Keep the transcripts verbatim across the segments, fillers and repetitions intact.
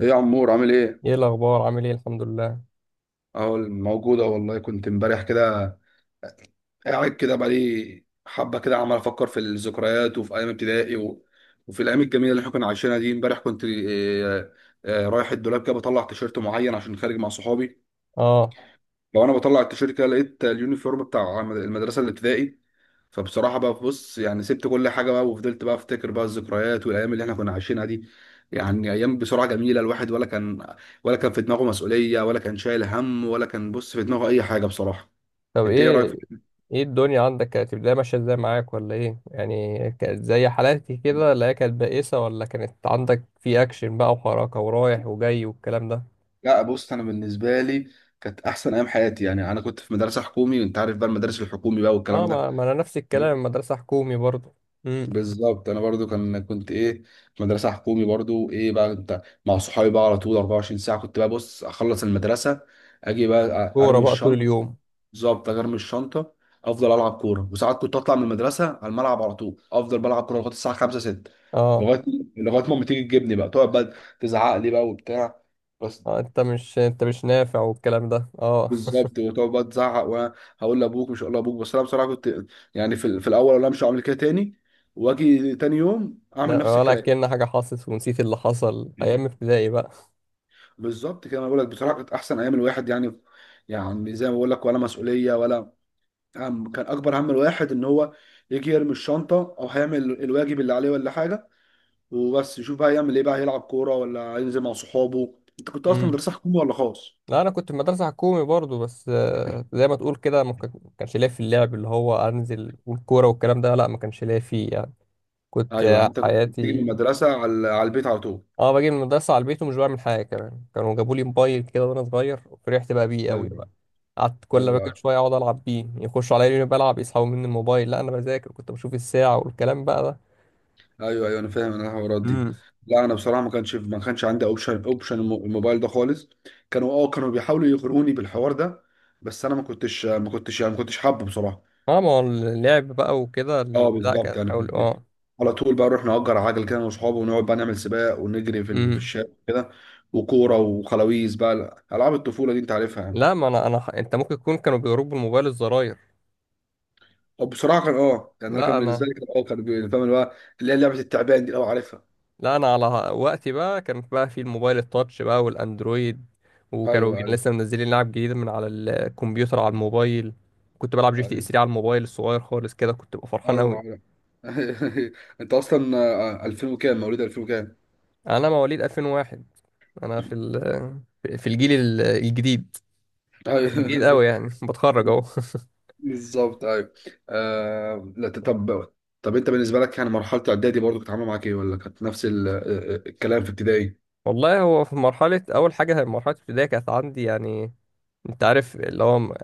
ايه يا عمور عامل ايه؟ ايه الاخبار، عامل ايه؟ الحمد لله. اهو موجودة والله كنت امبارح كده قاعد كده بقالي حبة كده عمال افكر في الذكريات وفي ايام ابتدائي و... وفي الايام الجميلة اللي احنا كنا عايشينها دي امبارح كنت إيه... إيه... رايح الدولاب كده بطلع تيشيرت معين عشان خارج مع صحابي. اه. لو انا بطلع التيشيرت كده لقيت اليونيفورم بتاع المدرسه الابتدائي، فبصراحه بقى بص يعني سبت كل حاجه بقى وفضلت بقى افتكر بقى الذكريات والايام اللي احنا كنا عايشينها دي. يعني ايام بسرعه جميله، الواحد ولا كان ولا كان في دماغه مسؤوليه، ولا كان شايل هم، ولا كان بص في دماغه اي حاجه بصراحه. طب انت ايه رايك ايه في؟ ايه الدنيا عندك، كانت البدايه ماشيه ازاي معاك؟ ولا ايه يعني، كانت زي حالاتي كده؟ لا هي كانت بائسه، ولا كانت عندك في اكشن بقى وحركه ورايح وجاي والكلام ده؟ لا بص، انا بالنسبه لي كانت احسن ايام حياتي، يعني انا كنت في مدرسه حكومي وانت عارف بقى المدارس الحكومي بقى والكلام اه، ده. ما, ما انا نفس الكلام، مدرسه حكومي برضه. امم. بالظبط انا برضو كان كنت ايه، في مدرسه حكومي برضو، ايه بقى انت مع صحابي بقى على طول اربعة وعشرين ساعه. كنت بقى بص اخلص المدرسه، اجي بقى أ- كوره ارمي بقى طول الشنطه. اليوم. بالظبط أجي ارمي الشنطه افضل العب كوره، وساعات كنت اطلع من المدرسه على الملعب على طول افضل بلعب كوره لغايه الساعه خمسة ستة. اه. لغايه لغايه ما أمي تيجي تجيبني بقى، تقعد بقى تزعق لي بقى وبتاع بس. آه، انت مش انت مش نافع والكلام ده. اه. بالظبط وتقعد بقى تزعق وانا هقول لابوك مش هقول لابوك، بس انا بصراحه كنت يعني في, ال- في الاول انا مش هعمل كده تاني، واجي تاني يوم اعمل لا، نفس ولا الكلام. كأن حاجه حصلت ونسيت اللي حصل ايام ابتدائي بالظبط كده انا بقول لك بصراحه كانت احسن ايام الواحد يعني، يعني زي ما بقول لك ولا مسؤوليه ولا هم، كان اكبر هم الواحد ان هو يجي يرمي الشنطه او هيعمل الواجب اللي عليه ولا حاجه، وبس يشوف بقى يعمل ايه بقى، هيلعب كوره ولا هينزل مع صحابه. انت كنت اصلا بقى. مدرسه حكومي ولا خاص؟ لا انا كنت في مدرسه حكومي برضو، بس آه، زي ما تقول كده، ما كان- ما كانش ليا في اللعب اللي هو انزل والكوره والكلام ده. لا، ما كانش ليا فيه يعني. كنت ايوه آه، انت كنت بتيجي من حياتي. المدرسه على على البيت على طول. اه، باجي من المدرسه على البيت ومش بعمل حاجه. كمان كانوا جابوا لي موبايل كده وانا صغير، وفرحت بقى بيه قوي ايوه بقى. قعدت كل ما باجي ايوه، شويه اقعد العب بيه، يخشوا عليا يقولوا لي بلعب يسحبوا مني الموبايل. لا انا بذاكر، كنت بشوف الساعه والكلام بقى ده. ايوه ايوه انا فاهم انا الحوارات دي. امم. لا انا بصراحه ما كانش ما كانش عندي اوبشن اوبشن الم- الموبايل ده خالص. كانوا اه كانوا بيحاولوا يغروني بالحوار ده، بس انا ما كنتش ما كنتش يعني ما كنتش حابه بصراحه. اه، ما هو اللعب بقى وكده، اه ال- لا بالظبط، كان يعني حاول. كنت اه. على طول بقى نروح نأجر عجل كده انا واصحابي، ونقعد بقى نعمل سباق ونجري في ال- في امم. الشارع كده، وكوره وخلاويز بقى، العاب الطفوله دي انت عارفها يعني. لا، ما انا انا ح- انت ممكن تكون كانوا بيضربوا الموبايل الزراير. طب بصراحه كان اه، يعني انا لا كان بالنسبه انا لي كان اه كان بي- فاهم اللي هو، اللي هي لعبه التعبان دي، اه عارفها. لا انا على وقتي بقى، كان بقى في الموبايل التاتش بقى والاندرويد. وكانوا ايوه ايوه، لسه منزلين لعب جديد من على الكمبيوتر على الموبايل. كنت بلعب جي تي اس ايوه ثلاثة على الموبايل الصغير خالص كده، كنت ببقى فرحان ايوه قوي. عارف. انت اصلا آه، الفين وكام، مواليد الفين وكام؟ انا مواليد ألفين وواحد. انا في ال... في الجيل ال- الجديد. بس الجديد ايوه. قوي يعني، بتخرج اهو. بالظبط ايوه. آه... لا ت- طب، طب انت بالنسبه لك يعني مرحله اعدادي برضو كانت عامله معاك ايه، ولا كانت نفس ال... آه، آه، الكلام في ابتدائي؟ والله، هو في مرحله، اول حاجه مرحله الابتدائي كانت عندي يعني، انت عارف اللي هو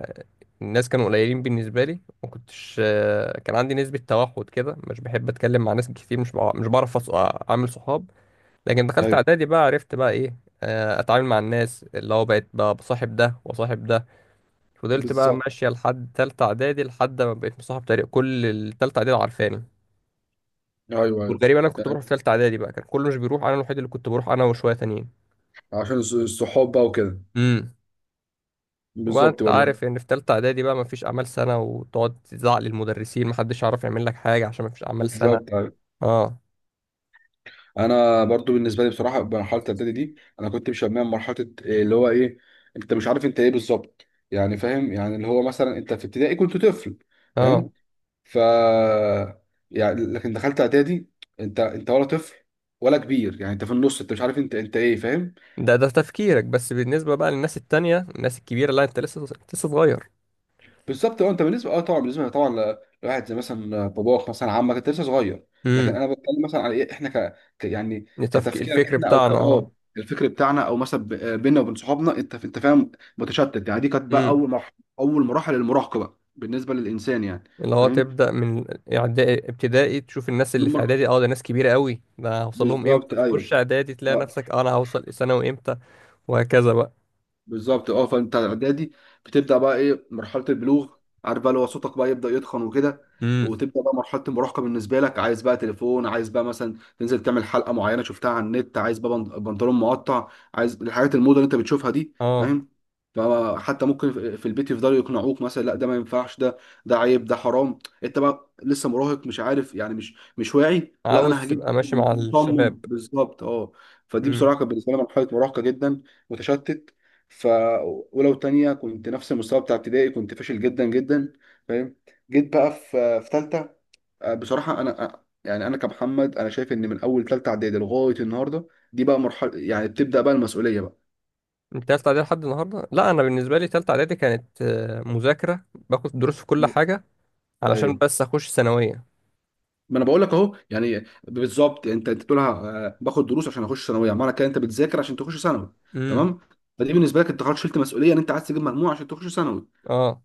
الناس كانوا قليلين بالنسبة لي. ما كنتش آه، كان عندي نسبة توحد كده، مش بحب اتكلم مع ناس كتير، مش بع- مش بعرف أص- اعمل صحاب. لكن دخلت ايوه اعدادي بقى، عرفت بقى ايه، آه، اتعامل مع الناس. اللي هو بقيت بقى بصاحب ده وصاحب ده. فضلت بقى بالظبط. ماشية لحد تالتة اعدادي، لحد ما بقيت مصاحب تقريبا كل التالتة اعدادي عارفاني. ايوه ايوه وتقريبا انا كنت يعني، بروح في تالتة اعدادي بقى، كان كله مش بيروح، انا الوحيد اللي كنت بروح، انا وشوية تانيين. عشان الص- الصحاب بقى وكده. امم. وبقى بالظبط انت برضو يعني. عارف ان في تالتة اعدادي بقى مفيش اعمال سنة، وتقعد تزعق للمدرسين محدش يعرف يعمل لك حاجة عشان مفيش اعمال سنة. بالظبط أيوه. اه. انا برضو بالنسبه لي بصراحه مرحله الاعدادي دي انا كنت مشميها مرحله إيه اللي هو ايه. انت مش عارف انت ايه بالظبط يعني، فاهم يعني اللي هو مثلا انت في ابتدائي كنت طفل فاهم، اه، ف يعني لكن دخلت اعدادي، انت انت ولا طفل ولا كبير، يعني انت في النص، انت مش عارف انت انت ايه فاهم. ده ده تفكيرك، بس بالنسبة بقى للناس التانية الناس الكبيرة، لا انت لسه انت لسه صغير. بالظبط اه، انت بالنسبه اه طبعا بالنسبه طبعا ل- لواحد زي مثلا باباك مثلا عمك انت لسه صغير. لكن امم. انا بتكلم مثلا على ايه احنا ك... ك... يعني التفكير، كتفكيرك الفكر احنا، او ك بتاعنا اه، اه. الفكر بتاعنا، او مثلا ب- بينا وبين صحابنا، انت انت فاهم، متشتت يعني. دي كانت بقى امم. اول مرحله اول مراحل المراهقه بقى بالنسبه للانسان يعني اللي هو فاهم. تبدأ من إعدا- ابتدائي، تشوف الناس اللي من في مر... اعدادي، اه ده ناس كبيرة قوي، ده هوصل لهم بالظبط امتى؟ ايوه تخش اعدادي تلاقي اه. نفسك، آه، انا هوصل ثانوي امتى؟ وهكذا بقى. بالظبط اه، فانت اعدادي بتبدا بقى ايه، مرحله البلوغ، عارف بقى اللي هو صوتك بقى يبدا يتخن وكده، امم. وتبدا بقى مرحله المراهقه بالنسبه لك، عايز بقى تليفون، عايز بقى مثلا تنزل تعمل حلقه معينه شفتها على النت، عايز بقى بنط- بنطلون مقطع، عايز الحاجات الموضه اللي انت بتشوفها دي اه، فاهم. فحتى ممكن في في البيت يفضلوا يقنعوك مثلا لا ده ما ينفعش، ده ده عيب ده حرام، انت بقى لسه مراهق، مش عارف يعني مش مش واعي. لا انا عاوز هجيب، تبقى ماشي مع الشباب. مصمم بالظبط اه. فدي امم. بصراحه كانت بالنسبه لي مرحله مراهقه جدا متشتت. ف ولو تانية كنت نفس المستوى بتاع ابتدائي كنت فاشل جدا جدا فاهم. جيت بقى في في تالتة، آه، بصراحة أنا آه، يعني أنا كمحمد أنا شايف إن من أول تالتة إعدادي لغاية النهاردة دي بقى مرحلة يعني بتبدأ بقى المسؤولية بقى. انت تالتة اعدادي لحد النهارده؟ لا، انا بالنسبة لي تالتة اعدادي كانت آه، مذاكرة، باخد دروس في كل مم. حاجة علشان أيوه، بس اخش ثانوية. ما أنا بقول لك أهو، يعني بالظبط أنت أنت بتقولها، آه، باخد دروس عشان أخش ثانوية، معنى كده أنت بتذاكر عشان تخش ثانوي. امم. تمام. فدي بالنسبة لك أنت خلاص شلت مسؤولية إن أنت عايز تجيب مجموع عشان تخش ثانوي. اه.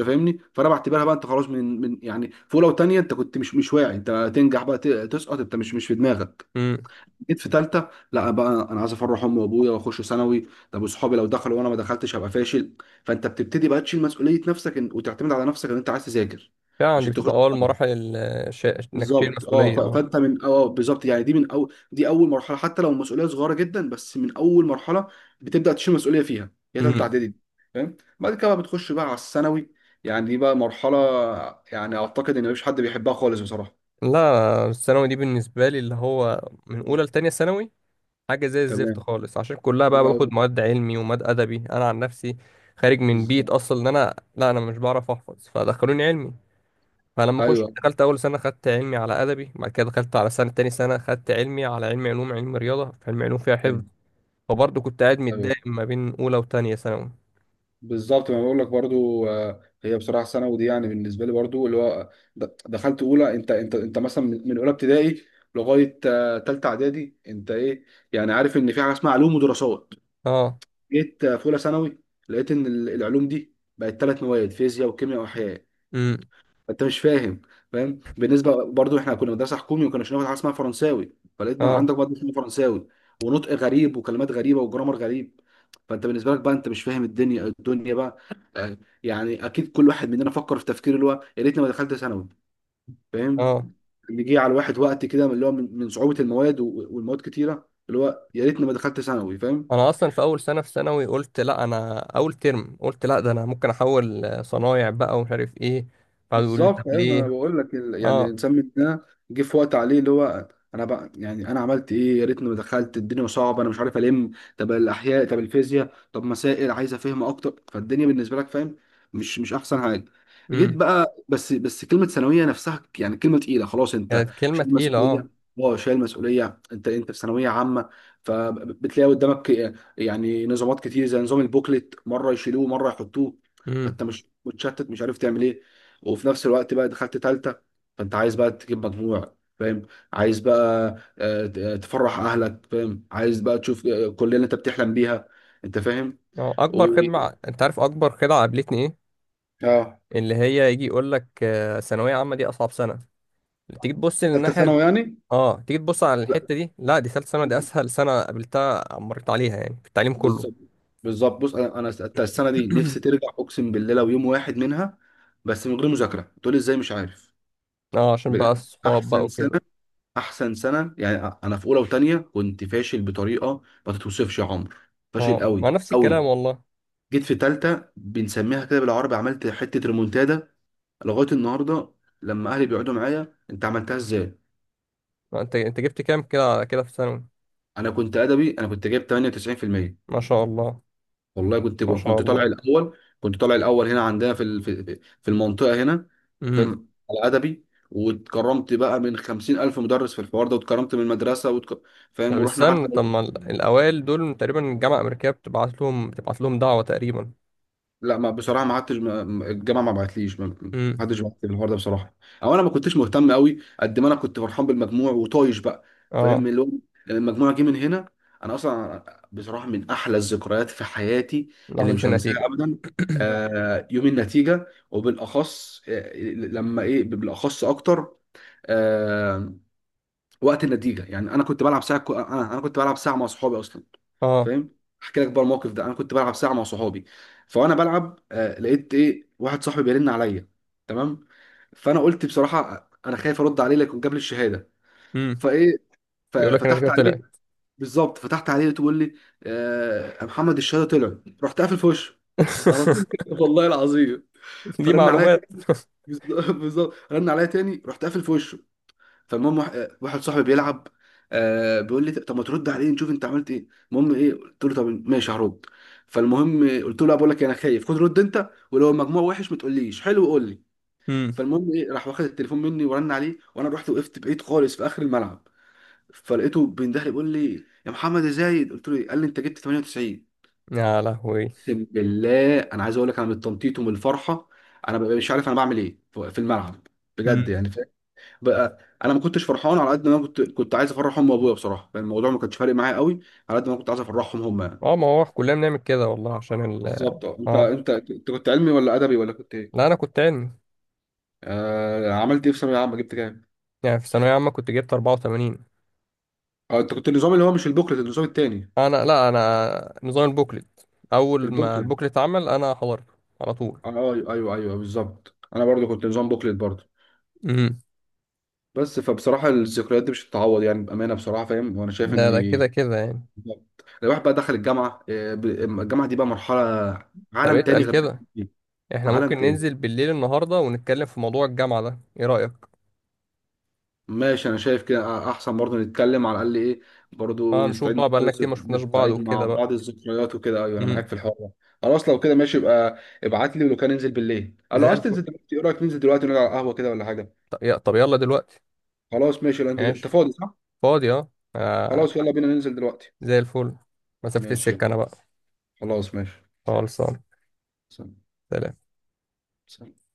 انت فاهمني، فانا بعتبرها بقى انت خلاص من من يعني في اولى وثانيه انت كنت مش مش واعي، انت تنجح بقى ت- تسقط، انت مش مش في دماغك. امم. جيت في ثالثه لا بقى انا عايز افرح امي وابويا واخش ثانوي، طب وصحابي لو دخلوا وانا ما دخلتش هبقى فاشل. فانت بتبتدي بقى تشيل مسؤوليه نفسك ان... وتعتمد على نفسك ان انت عايز تذاكر فعلا دي عشان تخش. بتبقى اول مراحل ال- الش- انك تشيل بالظبط اه، مسؤوليه. ف- اه. فانت من اه بالظبط يعني، دي من اول دي اول مرحله حتى لو المسؤوليه صغيره جدا، بس من اول مرحله بتبدا تشيل مسؤوليه فيها، هي ثالثه امم. اعدادي دي فاهم. بعد كده بقى بتخش بقى على الثانوي، يعني دي بقى مرحله، يعني اعتقد ان مفيش حد بيحبها خالص بصراحه. لا، الثانوي دي بالنسبه لي، اللي هو من اولى لتانية ثانوي، حاجه زي الزفت تمام. خالص، عشان كلها بقى آه، باخد مواد علمي ومواد ادبي. انا عن نفسي خارج من بيت بالظبط. اصلا ان انا، لا انا مش بعرف احفظ فدخلوني علمي. فلما اخش ايوه دخلت اول سنه، خدت علمي على ادبي، بعد كده دخلت على سنه، تاني سنه خدت علمي على علمي علوم، علم رياضه في علمي علوم فيها حفظ. ايوه، فبرضه كنت قاعد ايوه متضايق ما بين اولى وتانية ثانوي. بالظبط، ما بقول لك برضو، آه، هي بصراحه ثانوي دي يعني بالنسبه لي برضو اللي هو، د- دخلت اولى، انت انت انت مثلا من من اولى ابتدائي لغايه آه، تالته اعدادي انت ايه يعني، عارف ان في حاجه اسمها علوم ودراسات. اه. جيت آه، في اولى ثانوي لقيت ان ال- العلوم دي بقت ثلاث مواد، فيزياء وكيمياء واحياء. امم. انت مش فاهم. فاهم بالنسبه برضو احنا كنا مدرسه حكومي وكنا بناخد حاجه اسمها فرنساوي، فلقيت بقى عندك اه. برضه اسمه فرنساوي، ونطق غريب وكلمات غريبه وجرامر غريب. فانت بالنسبه لك بقى انت مش فاهم الدنيا الدنيا بقى آه، يعني اكيد كل واحد مننا فكر في تفكير اللي هو يا ريتني ما دخلت ثانوي فاهم، اه. اللي جه على الواحد وقت كده من اللي هو من من صعوبه المواد و- والمواد كتيره، اللي هو يا ريتني ما دخلت ثانوي فاهم. انا اصلا في اول سنه في ثانوي قلت لا، انا اول ترم قلت لا، ده انا ممكن احول آه، صنايع بقى ومش عارف ايه. قعدوا يقولوا لي بالظبط طب ايوه، ما انا ليه. بقول لك ال- يعني اه. الانسان من ده جه في وقت عليه اللي هو انا بقى يعني انا عملت ايه، يا ريتني ما دخلت، الدنيا صعبه انا مش عارف الم، طب الاحياء طب الفيزياء طب مسائل عايز افهم اكتر، فالدنيا بالنسبه لك فاهم مش مش احسن حاجه. جيت امم. بقى بس بس كلمه ثانويه نفسها يعني كلمه تقيله، خلاص انت كانت كلمه شايل تقيله مسؤوليه، اه. اه شايل مسؤوليه، انت انت في ثانويه عامه، فبتلاقي قدامك يعني نظامات كتير زي نظام البوكلت مره يشيلوه مره يحطوه، امم. فانت مش متشتت مش عارف تعمل ايه، وفي نفس الوقت بقى دخلت تالتة فانت عايز بقى تجيب مجموع فاهم، عايز بقى آه، ت- تفرح اهلك فاهم، عايز بقى تشوف آه، كل اللي انت بتحلم بيها، انت فاهم. اه. اكبر و... خدمه، انت عارف اكبر خدعه قابلتني ايه؟ اه. اللي هي يجي يقول لك آه، ثانويه عامه دي اصعب سنه. تيجي تبص ثالثه للناحيه. ثانوي يعني؟ اه، تيجي تبص على لا الحته دي، لا دي ثالث سنه، دي اسهل سنه قابلتها مريت عليها يعني في التعليم كله. بالظبط، بالظبط بص، انا انا الت- السنه دي نفسي ترجع، اقسم بالله لو يوم واحد منها بس من غير مذاكره، تقول لي ازاي مش عارف، اه، عشان بجد بقى الصحاب بقى احسن سنه، وكده. احسن سنه يعني. انا في اولى وثانيه كنت فاشل بطريقه ما تتوصفش يا عمر، فاشل اه، مع قوي نفس قوي. الكلام والله. جيت في تالتة بنسميها كده بالعربي، عملت حتة ريمونتادا. لغاية النهاردة لما أهلي بيقعدوا معايا أنت عملتها إزاي؟ ما انت انت جبت كام كده كده في ثانوي؟ أنا كنت أدبي، أنا كنت جايب ثمانية وتسعين في المية. ما شاء الله. والله كنت ما جوه. شاء كنت طالع الله. الأول، كنت طالع الأول هنا عندنا في ال- في في المنطقة هنا، امم. فاهم، على أدبي. واتكرمت بقى من خمسين ألف مدرس في الحوار ده، واتكرمت من المدرسة واتك... فاهم، طب ورحنا استنى، حتى. طب ما ال- الاوائل دول تقريبا الجامعه الامريكيه بتبعت لهم بتبعت لهم دعوه تقريبا. لا ما بصراحه ما قعدتش، ما- ما- الجامعه ما بعتليش، ما ما امم. حدش بعت لي الحوار ده بصراحه، او انا ما كنتش مهتم قوي قد ما انا كنت فرحان بالمجموع وطايش بقى، اه، فاهم. اللي هو لما المجموع جه من هنا، انا اصلا بصراحه من احلى الذكريات في حياتي اللي لحظه مش النتيجه. هنساها ابدا آه، يوم النتيجه، وبالاخص آه، لما ايه، بالاخص اكتر آه، وقت النتيجه. يعني انا كنت بلعب ساعه، انا انا كنت بلعب ساعه مع صحابي اصلا اه. فاهم، احكي لك بقى الموقف ده. انا كنت بلعب ساعه مع صحابي، فانا بلعب آه، لقيت ايه واحد صاحبي بيرن عليا. تمام. فانا قلت بصراحه انا خايف ارد عليه لكن جاب لي الشهاده امم. فايه، يقول لك النتيجه ففتحت عليه. طلعت. بالظبط فتحت عليه تقول لي آه، يا محمد الشهاده طلعت، رحت قافل في وشه على طول كده، والله العظيم. دي فرن عليا معلومات. تاني- بالظبط، رن عليا تاني رحت قافل في وشه. فالمهم واحد آه، واحد صاحبي بيلعب آه بيقول لي طب ما ترد عليه نشوف انت عملت ايه، المهم ايه قلت له طب ماشي هرد. فالمهم آه، قلت له لا بقول لك إيه، انا خايف، خد رد انت، ولو المجموع وحش ما تقوليش حلو، قول لي. امم. فالمهم ايه راح واخد التليفون مني ورن عليه، وانا رحت وقفت بعيد خالص في اخر الملعب. فلقيته بيندهلي بيقول لي يا محمد ازاي، قلت له إيه؟ قال لي انت جبت ثمانية وتسعين. يا لهوي. اقسم بالله انا عايز اقول لك، انا من التنطيط ومن الفرحه انا ببقى مش عارف انا بعمل ايه في في الملعب بجد امم. يعني. بقى انا ما كنتش فرحان على قد ما أنا كنت كنت عايز افرح امي وابويا بصراحه، يعني الموضوع ما كانش فارق معايا قوي على قد ما أنا كنت عايز افرحهم هم يعني. اه. ما هو كلنا بنعمل كده والله عشان ال بالظبط اه، انت اه انت انت كنت علمي ولا ادبي، ولا كنت لا، ايه؟ انا كنت علمي. آه، عملت ايه في ثانويه عامه، جبت كام؟ يعني في ثانويه عامه كنت جبت أربعة وثمانين. اه انت كنت النظام اللي هو مش البوكلت، النظام التاني انا، لا انا نظام البوكلت. اول ما البوكلت. البوكلت اتعمل انا حضرته على طول. اه ايوه ايوه، ايوه بالظبط، انا برضو كنت نظام بوكلت برضو. امم. بس فبصراحه الذكريات دي مش هتتعوض يعني بامانه بصراحه فاهم، وانا شايف ده ان ده كده كده يعني. بالظبط. الواحد بقى دخل الجامعه آه، ب- الجامعه دي بقى مرحله طب عالم تاني اتقل غير. كده. احنا عالم ممكن تاني. ننزل بالليل النهارده ونتكلم في موضوع الجامعه ده، ايه رايك؟ ماشي انا شايف كده احسن، برضه نتكلم على الاقل ايه، برضه اه، نشوف نستعيد مع بقى بعض بقالنا كتير ما الذك- شفناش بعض نستعيد مع وكده بقى. بعض الذكريات وكده، ايوه انا معاك امم. في الحوار ده. خلاص لو كده ماشي، يبقى ابعت لي ولو كان ننزل بالليل، قال زي لو عايز تنزل الفل. دلوقتي، ايه رايك ننزل دلوقتي ونقعد على القهوه كده ولا حاجه؟ طب يا- طب يلا دلوقتي. خلاص ماشي لو انت أنت ماشي. فاضي صح. فاضي اه. آه، خلاص يلا بينا ننزل دلوقتي. زي الفل. مسافه ماشي السكه يلا، انا بقى. خلاص ماشي. خلصان. سلام. سلام. سلام.